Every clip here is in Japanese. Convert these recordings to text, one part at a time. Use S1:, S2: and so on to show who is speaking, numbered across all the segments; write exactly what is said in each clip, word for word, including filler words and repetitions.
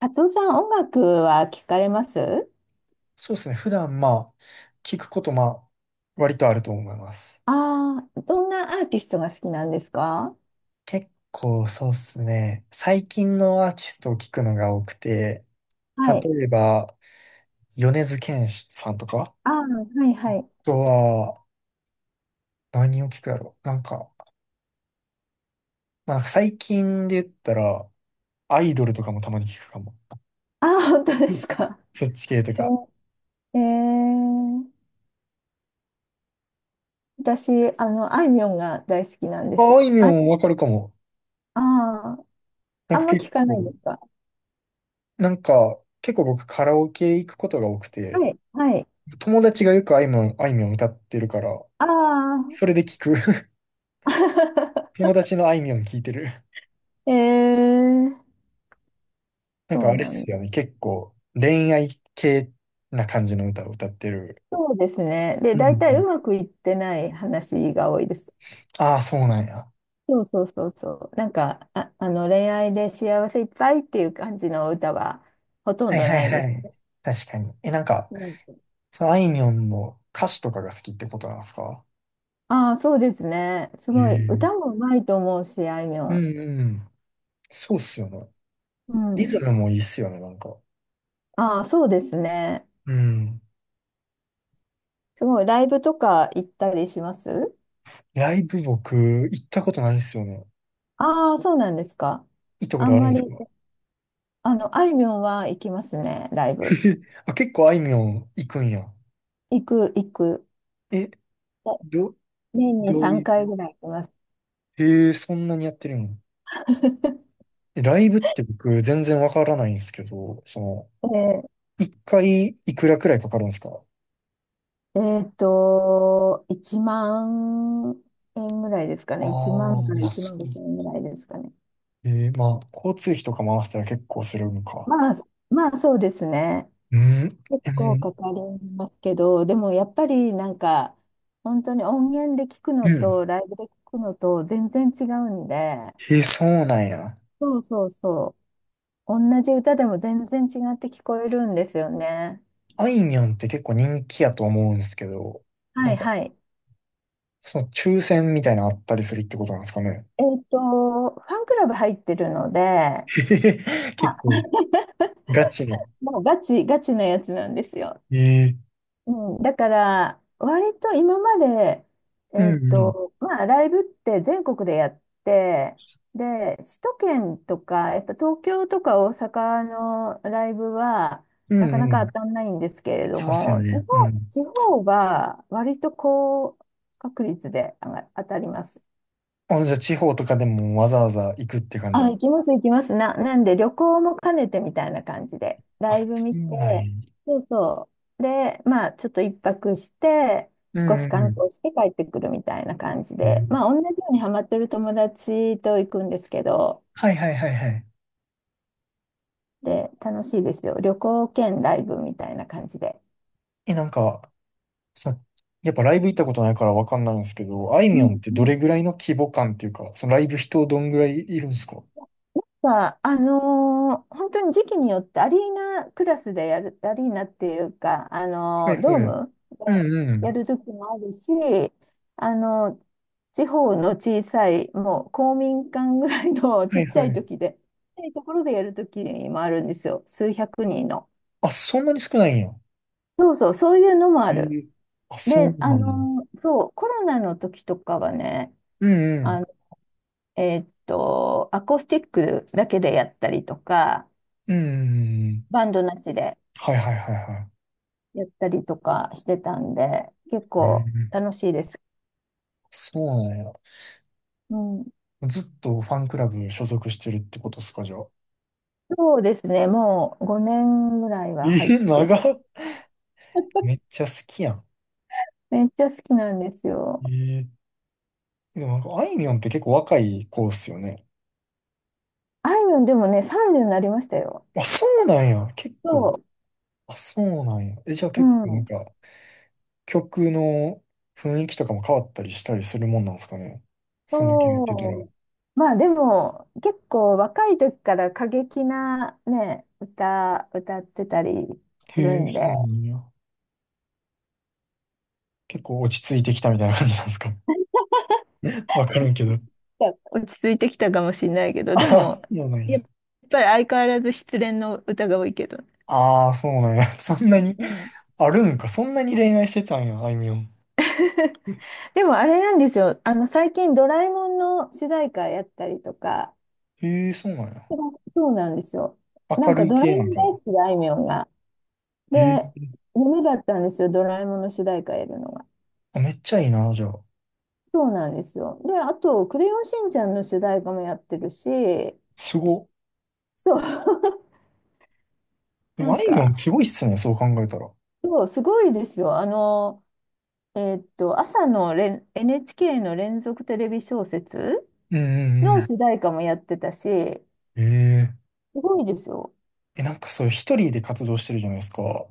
S1: カツオさん、音楽は聞かれます？
S2: そうですね。普段、まあ、聞くこと、まあ、割とあると思います。
S1: ああー、どんなアーティストが好きなんですか？
S2: 結構、そうですね。最近のアーティストを聞くのが多くて、
S1: はい。
S2: 例えば、米津玄師さんとか、あ
S1: ああ、はいはい。
S2: とは、何を聞くやろなんか、まあ、最近で言ったら、アイドルとかもたまに聞くかも。
S1: ああ、本当
S2: う
S1: で
S2: ん、
S1: すか？
S2: そっち系とか。
S1: ええー、私、あの、あいみょんが大好きなんで
S2: ま
S1: す。
S2: あ、あいみょ
S1: あ、
S2: んわかるかも。
S1: あー、
S2: なん
S1: あん
S2: か
S1: ま聞
S2: 結
S1: かないで
S2: 構、
S1: すか？
S2: なんか、結構僕カラオケ行くことが多くて、
S1: はい、はい。
S2: 友達がよくあいみょん、あいみょん歌ってるから、
S1: ああ。
S2: それで聞く。友達のあいみょん聞いてる。
S1: えー、
S2: なんか
S1: そう
S2: あれっ
S1: なん
S2: す
S1: だ。
S2: よね。結構恋愛系な感じの歌を歌ってる。
S1: そうですね。で、
S2: うんう
S1: 大体う
S2: ん。
S1: まくいってない話が多いです。
S2: ああ、そうなんや。
S1: そうそうそうそう。なんか、あ、あの恋愛で幸せいっぱいっていう感じの歌はほとん
S2: はい
S1: ど
S2: はい
S1: ないで
S2: は
S1: す。
S2: い。確かに。え、なんか、
S1: なんか。
S2: そのあいみょんの歌詞とかが好きってことなんですか？
S1: ああ、そうですね。す
S2: へ
S1: ごい。
S2: え。
S1: 歌もうまいと思うし、あいみょ
S2: う
S1: ん。
S2: んうん。そうっすよね。
S1: う
S2: リズ
S1: ん。
S2: ムもいいっすよね、なんか。
S1: ああ、そうですね。
S2: うん。
S1: すごい。ライブとか行ったりします？
S2: ライブ僕、行ったことないっすよね。
S1: ああ、そうなんですか？
S2: 行ったこ
S1: あ
S2: と
S1: ん
S2: あるん
S1: ま
S2: です
S1: り、
S2: か？
S1: あの、あいみょんは行きますね、ライブ。
S2: あ、結構あいみょん行くんや。
S1: 行く、行く。
S2: え、ど、
S1: 年に
S2: どうい
S1: さんかい
S2: う。
S1: ぐらい行きます。
S2: へえ、そんなにやってるの？ えライブって僕全然わからないんですけど、その、
S1: え
S2: 一回いくらくらいかかるんですか？
S1: えっと、いちまん円ぐらいですか
S2: あ
S1: ね。1
S2: あ
S1: 万か
S2: ー、
S1: ら
S2: まあ
S1: 1
S2: そ
S1: 万ごせん円ぐらいですかね。
S2: う。えー、まあ、交通費とか回したら結構するのか。
S1: まあ、まあそうですね。
S2: うん。
S1: 結
S2: え、も
S1: 構
S2: う、
S1: かかりますけど、でもやっぱりなんか、本当に音源で聞く
S2: う
S1: の
S2: ん。
S1: とライブで聞くのと全然違うんで、
S2: えー、そうなんや。
S1: そうそうそう。同じ歌でも全然違って聞こえるんですよね。
S2: あいみょんって結構人気やと思うんですけど、な
S1: は
S2: ん
S1: い
S2: か、
S1: はい。
S2: その抽選みたいなのあったりするってことなんですかね。
S1: えっと、ファンクラブ入ってるので、
S2: へへへ
S1: まあ、
S2: 結構、ガチの。
S1: もうガチ、ガチなやつなんですよ。
S2: えー
S1: うん、だから、割と今まで、
S2: う
S1: えっ
S2: んうん。
S1: と、まあ、ライブって全国でやって、で、首都圏とか、やっぱ東京とか大阪のライブは、
S2: う
S1: な
S2: ん
S1: かな
S2: う
S1: か
S2: ん。
S1: 当たんないんですけれど
S2: そうっすよ
S1: も、地方、
S2: ね。うん。
S1: 地方は割と高確率で上が当たります。
S2: あ、じゃあ地方とかでもわざわざ行くって感じ
S1: あ、
S2: の。
S1: 行きます、行きます。な、なんで、旅行も兼ねてみたいな感じで、
S2: あ、
S1: ライ
S2: そ
S1: ブ見
S2: うなん
S1: て、
S2: や。
S1: そうそう。で、まあ、ちょっと一泊して、
S2: う
S1: 少
S2: ん
S1: し
S2: うんう
S1: 観
S2: ん。
S1: 光して帰ってくるみたいな感じで、ま
S2: ね、
S1: あ、同じようにハマってる友達と行くんですけど、
S2: はいはいはいはい。
S1: で、楽しいですよ。旅行兼ライブみたいな感じで。
S2: え、なんか、その、やっぱライブ行ったことないからわかんないんですけど、あい
S1: う
S2: みょん
S1: ん
S2: って
S1: う
S2: どれ
S1: ん
S2: ぐらいの規模感っていうか、そのライブ人どんぐらいいるんですか？は
S1: か、あのー本当に時期によってアリーナクラスでやる、アリーナっていうか、あ
S2: いは
S1: のードー
S2: い。
S1: ムで
S2: うんう
S1: や
S2: ん。
S1: る時もあるし、あの地方の小さい、もう公民館ぐらいの ち
S2: は
S1: っ
S2: い
S1: ちゃ
S2: は
S1: い
S2: い。
S1: 時で、ちっちゃいところでやる時もあるんですよ。数百人の。
S2: あ、そんなに少ないんや。
S1: そうそう、そういうのもあ
S2: え
S1: る。
S2: え、あ、そう
S1: で、
S2: な
S1: あ
S2: の？
S1: のーそう、コロナの時とかはね、あの、えーっと、アコースティックだけでやったりとか、
S2: うんうんうんうんうん。
S1: バンドなしで。
S2: はいはいはいはい。
S1: やったりとかしてたんで、結
S2: うんう
S1: 構
S2: ん、
S1: 楽しいです。
S2: そうなんや。
S1: うん。
S2: ずっとファンクラブ所属してるってことっすか、じゃあ。
S1: そうですね。もうごねんぐらいは入っ
S2: え、
S1: て
S2: 長
S1: る。
S2: っ。めっちゃ好きやん。
S1: めっちゃ好きなんですよ。
S2: ええ、でもなんか、あいみょんって結構若い子っすよね。
S1: あいみょんでもね、さんじゅうになりましたよ。
S2: あ、そうなんや。結構。
S1: そ
S2: あ、そうなんや。え、じゃあ
S1: う。う
S2: 結構なん
S1: ん。
S2: か、曲の雰囲気とかも変わったりしたりするもんなんですかね。そんだけやってた
S1: そ
S2: ら。
S1: う。まあでも、結構若い時から過激なね、歌、歌ってたりす
S2: へ
S1: る
S2: え、
S1: ん
S2: そ
S1: で、
S2: うなんや。結構落ち着いてきたみたいな感じなんですか。わからんけど。
S1: いや落ち着いてきたかもしれないけど、
S2: あ
S1: で
S2: あ、
S1: も、
S2: そうなん
S1: や
S2: や。
S1: っぱり相変わらず失恋の歌が多いけど。う
S2: ああ、そうなんや。そんな
S1: ん
S2: に、
S1: うん。
S2: あるんか。そんなに恋愛してたんや、あいみょん。え
S1: でもあれなんですよ。あの、最近ドラえもんの主題歌やったりとか、
S2: へえ、そうなんや。
S1: そうなんですよ。な
S2: 明
S1: ん
S2: る
S1: か
S2: い
S1: ドラえ
S2: 系
S1: も
S2: なん
S1: ん
S2: か
S1: 大
S2: な。
S1: 好きで、あいみょんが。
S2: へ
S1: で、
S2: え、
S1: 夢だったんですよ、ドラえもんの主題歌やるのが。
S2: あ、めっちゃいいな、じゃあ。
S1: そうなんですよ。で、あと、クレヨンしんちゃんの主題歌もやってるし、
S2: すご。
S1: そう、
S2: で
S1: な
S2: も、あ
S1: ん
S2: いみょん
S1: か、
S2: すごいっすね、そう考えたら。
S1: そう、すごいですよ。あの、えーっと、朝のれ エヌエイチケー の連続テレビ小説
S2: うんうん
S1: の
S2: う
S1: 主題歌もやってたし、
S2: ん。ええ。
S1: すごいですよ。
S2: え、なんかそう、一人で活動してるじゃないですか。な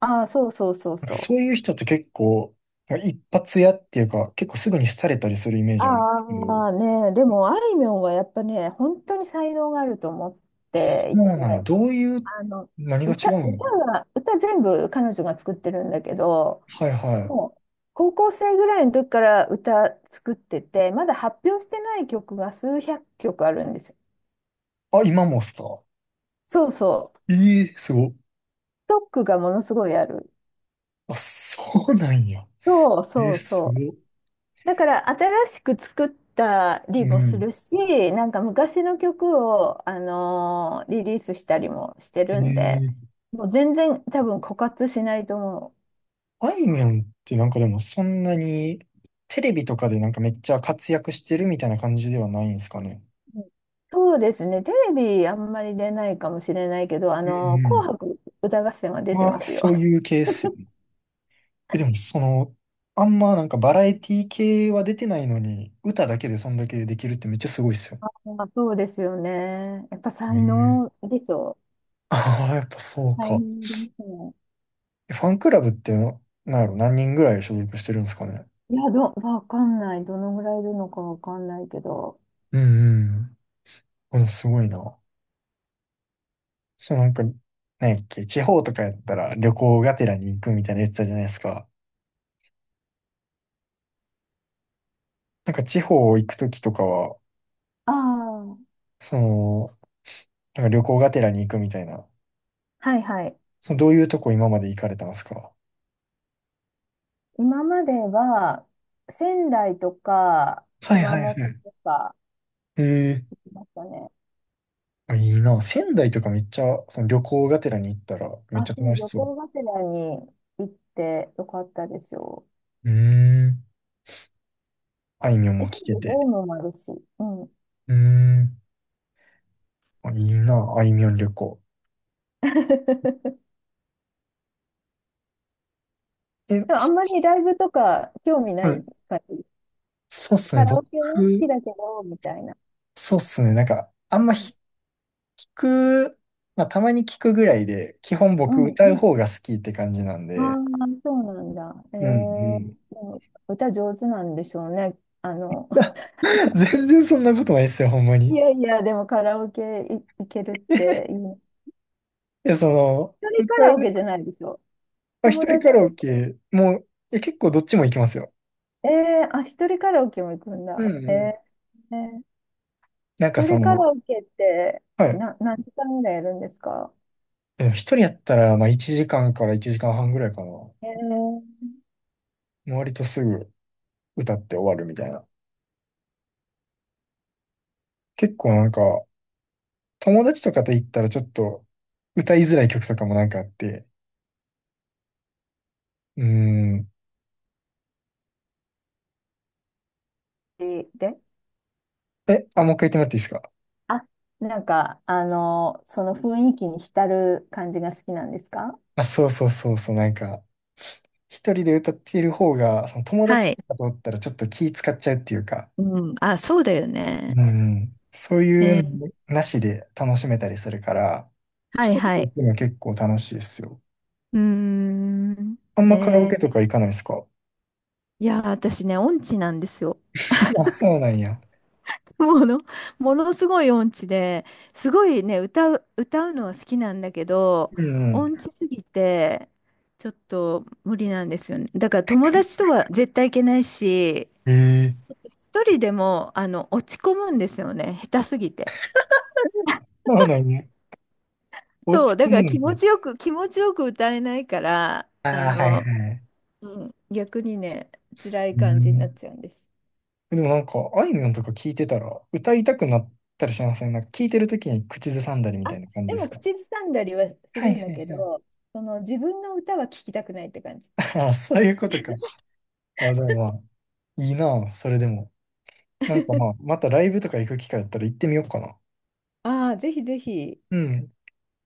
S1: ああ、そうそうそう
S2: んか
S1: そ
S2: そ
S1: う。
S2: ういう人って結構、なんか一発屋っていうか、結構すぐに廃れたりするイメージあるんですけど。
S1: ああ、ね、でも、あいみょんはやっぱね、本当に才能があると思っ
S2: あ、そ
S1: て
S2: う
S1: いて、
S2: なんや。どういう、
S1: あの、
S2: 何が
S1: 歌、
S2: 違う
S1: 歌
S2: の？
S1: は、歌全部彼女が作ってるんだけど、
S2: はいは
S1: も
S2: い。
S1: う、高校生ぐらいの時から歌作ってて、まだ発表してない曲が数百曲あるんですよ。
S2: あ、今もっすか？
S1: そうそう。
S2: ええ、すご。
S1: ストックがものすごいある。
S2: あ、そうなんや。
S1: そう
S2: えー、
S1: そう
S2: す
S1: そう。
S2: ご。
S1: だから新しく作った
S2: う
S1: りもす
S2: ん。
S1: るし、なんか昔の曲を、あのーリリースしたりもして
S2: え
S1: るんで、
S2: え。
S1: もう全然多分枯渇しないと思
S2: あいみょんってなんかでもそんなにテレビとかでなんかめっちゃ活躍してるみたいな感じではないんですかね。
S1: う。うん。そうですね、テレビあんまり出ないかもしれないけど、あ
S2: う
S1: のー紅
S2: ん
S1: 白歌合戦は
S2: う
S1: 出
S2: ん。
S1: て
S2: あ
S1: ま
S2: あ、
S1: すよ。
S2: そういうケース。え、でもその、あんまなんかバラエティ系は出てないのに、歌だけでそんだけできるってめっちゃすごいっすよ。
S1: あ、そうですよね。やっぱ
S2: へ
S1: 才
S2: え、
S1: 能でしょう。
S2: ああ、やっぱそう
S1: 才
S2: か。
S1: 能ですね。
S2: えファンクラブっての、なんやろ、何人ぐらい所属してるんですかね。
S1: いや、ど、わかんない。どのぐらいいるのかわかんないけど。
S2: うんうん。このすごいな。そうなんか、なんやっけ、地方とかやったら旅行がてらに行くみたいなやつだじゃないですか。なんか地方行くときとかは、
S1: ああ、
S2: その、なんか旅行がてらに行くみたいな、
S1: はいはい。
S2: そのどういうとこ今まで行かれたんですか？
S1: 今までは仙台とか
S2: はい
S1: 熊
S2: はい
S1: 本
S2: はい。
S1: とか
S2: ええ、
S1: 行きましたね。
S2: あ、いいな。仙台とかめっちゃ、その旅行がてらに行ったらめっち
S1: あ、
S2: ゃ
S1: そう、
S2: 楽し
S1: 旅
S2: そう。
S1: 行がてらに行ってよかったですよ。
S2: うーん。あいみょん
S1: え、
S2: も
S1: ちゃ
S2: 聞
S1: ん
S2: け
S1: とドー
S2: て。
S1: ムもあるし。うん。
S2: うーん。あ、いいな。あいみょん旅行。え、
S1: でもあんま
S2: ひ
S1: りライブとか興味な
S2: は
S1: い
S2: い。
S1: 感じです。
S2: そうっすね。
S1: カラオ
S2: 僕、
S1: ケは好きだけど、みたいな。
S2: そうっすね。なんか、あん
S1: う
S2: まひ
S1: ん。
S2: 聞く、まあ、たまに聞くぐらいで、基本
S1: う
S2: 僕
S1: んう
S2: 歌う
S1: ん。
S2: 方が好きって感じなん
S1: ああ、
S2: で。
S1: そうなんだ。え
S2: うんうん。
S1: ー、でも歌上手なんでしょうね。あの、
S2: 全然そんなことないっすよ、ほんまに。
S1: い
S2: い
S1: やいや、でもカラオケい行けるっていいな。
S2: や、その、
S1: 一人
S2: 歌
S1: カラオケ
S2: う、
S1: じゃないでしょ。
S2: まあ、一
S1: 友
S2: 人カ
S1: 達
S2: ラオ
S1: と、
S2: ケ、もう、いや、結構どっちも行きますよ。
S1: えー、あ、一人カラオケも行くん
S2: う
S1: だ。
S2: んう
S1: えー、
S2: ん。
S1: えー
S2: なんか
S1: 一
S2: そ
S1: 人カ
S2: の、
S1: ラオケって、
S2: はい。
S1: な、何時間ぐらいやるんですか？
S2: え一人やったら、まあ、いちじかんかんからいちじかんはんぐらいかな。も
S1: えー、
S2: う割とすぐ歌って終わるみたいな。結構なんか、友達とかと行ったらちょっと、歌いづらい曲とかもなんかあって。うーん。
S1: で、で
S2: え、あ、もう一回言ってもらっていいですか？
S1: あ、なんか、あの、その雰囲気に浸る感じが好きなんですか？
S2: あ、そうそうそうそう、なんか、一人で歌っている方が、その友
S1: は
S2: 達
S1: い。
S2: とかとおったらちょっと気使っちゃうっていうか、
S1: うん。あ、そうだよね。
S2: うん、そう
S1: え
S2: いう
S1: ー
S2: のなしで楽しめたりするから、
S1: はい
S2: 一人
S1: は
S2: で行
S1: い。
S2: くのは結構楽しいですよ。
S1: うーん。
S2: あんまカラオ
S1: え
S2: ケと
S1: ー
S2: か行かないですか？
S1: いやー、私ね、音痴なんですよ。
S2: あ、そうなんや。
S1: もの、ものすごい音痴で、すごいね、歌う、歌うのは好きなんだけど、
S2: うんう
S1: 音痴すぎて、ちょっと無理なんですよね。だから友達とは絶対行けないし、
S2: ん。ええ、
S1: 一人でも、あの、落ち込むんですよね、下手すぎて。
S2: そうなんや。お
S1: そ
S2: 家
S1: う、だか
S2: も
S1: ら気
S2: な
S1: 持
S2: んか。
S1: ちよく、気持ちよく歌えないから、
S2: あ
S1: あ
S2: あ、はい
S1: の、
S2: はい。
S1: うん、逆にね、辛い
S2: う
S1: 感じになっ
S2: ん。
S1: ちゃうんです。
S2: でもなんか、あいみょんとか聞いてたら、歌いたくなったりしません？なんか聞いてるときに口ずさんだりみた
S1: あ、
S2: いな感
S1: で
S2: じで
S1: も
S2: すか？
S1: 口ずさんだりはす
S2: はい
S1: るん
S2: は
S1: だ
S2: い
S1: け
S2: はい。
S1: ど、その自分の歌は聴きたくないって感じ。
S2: ああ、そういうことか。あ、でもまあ、いいなあ、それでも。なんかまあ、またライブとか行く機会あったら行ってみようかな。
S1: ああ、ぜひぜひ、
S2: うん。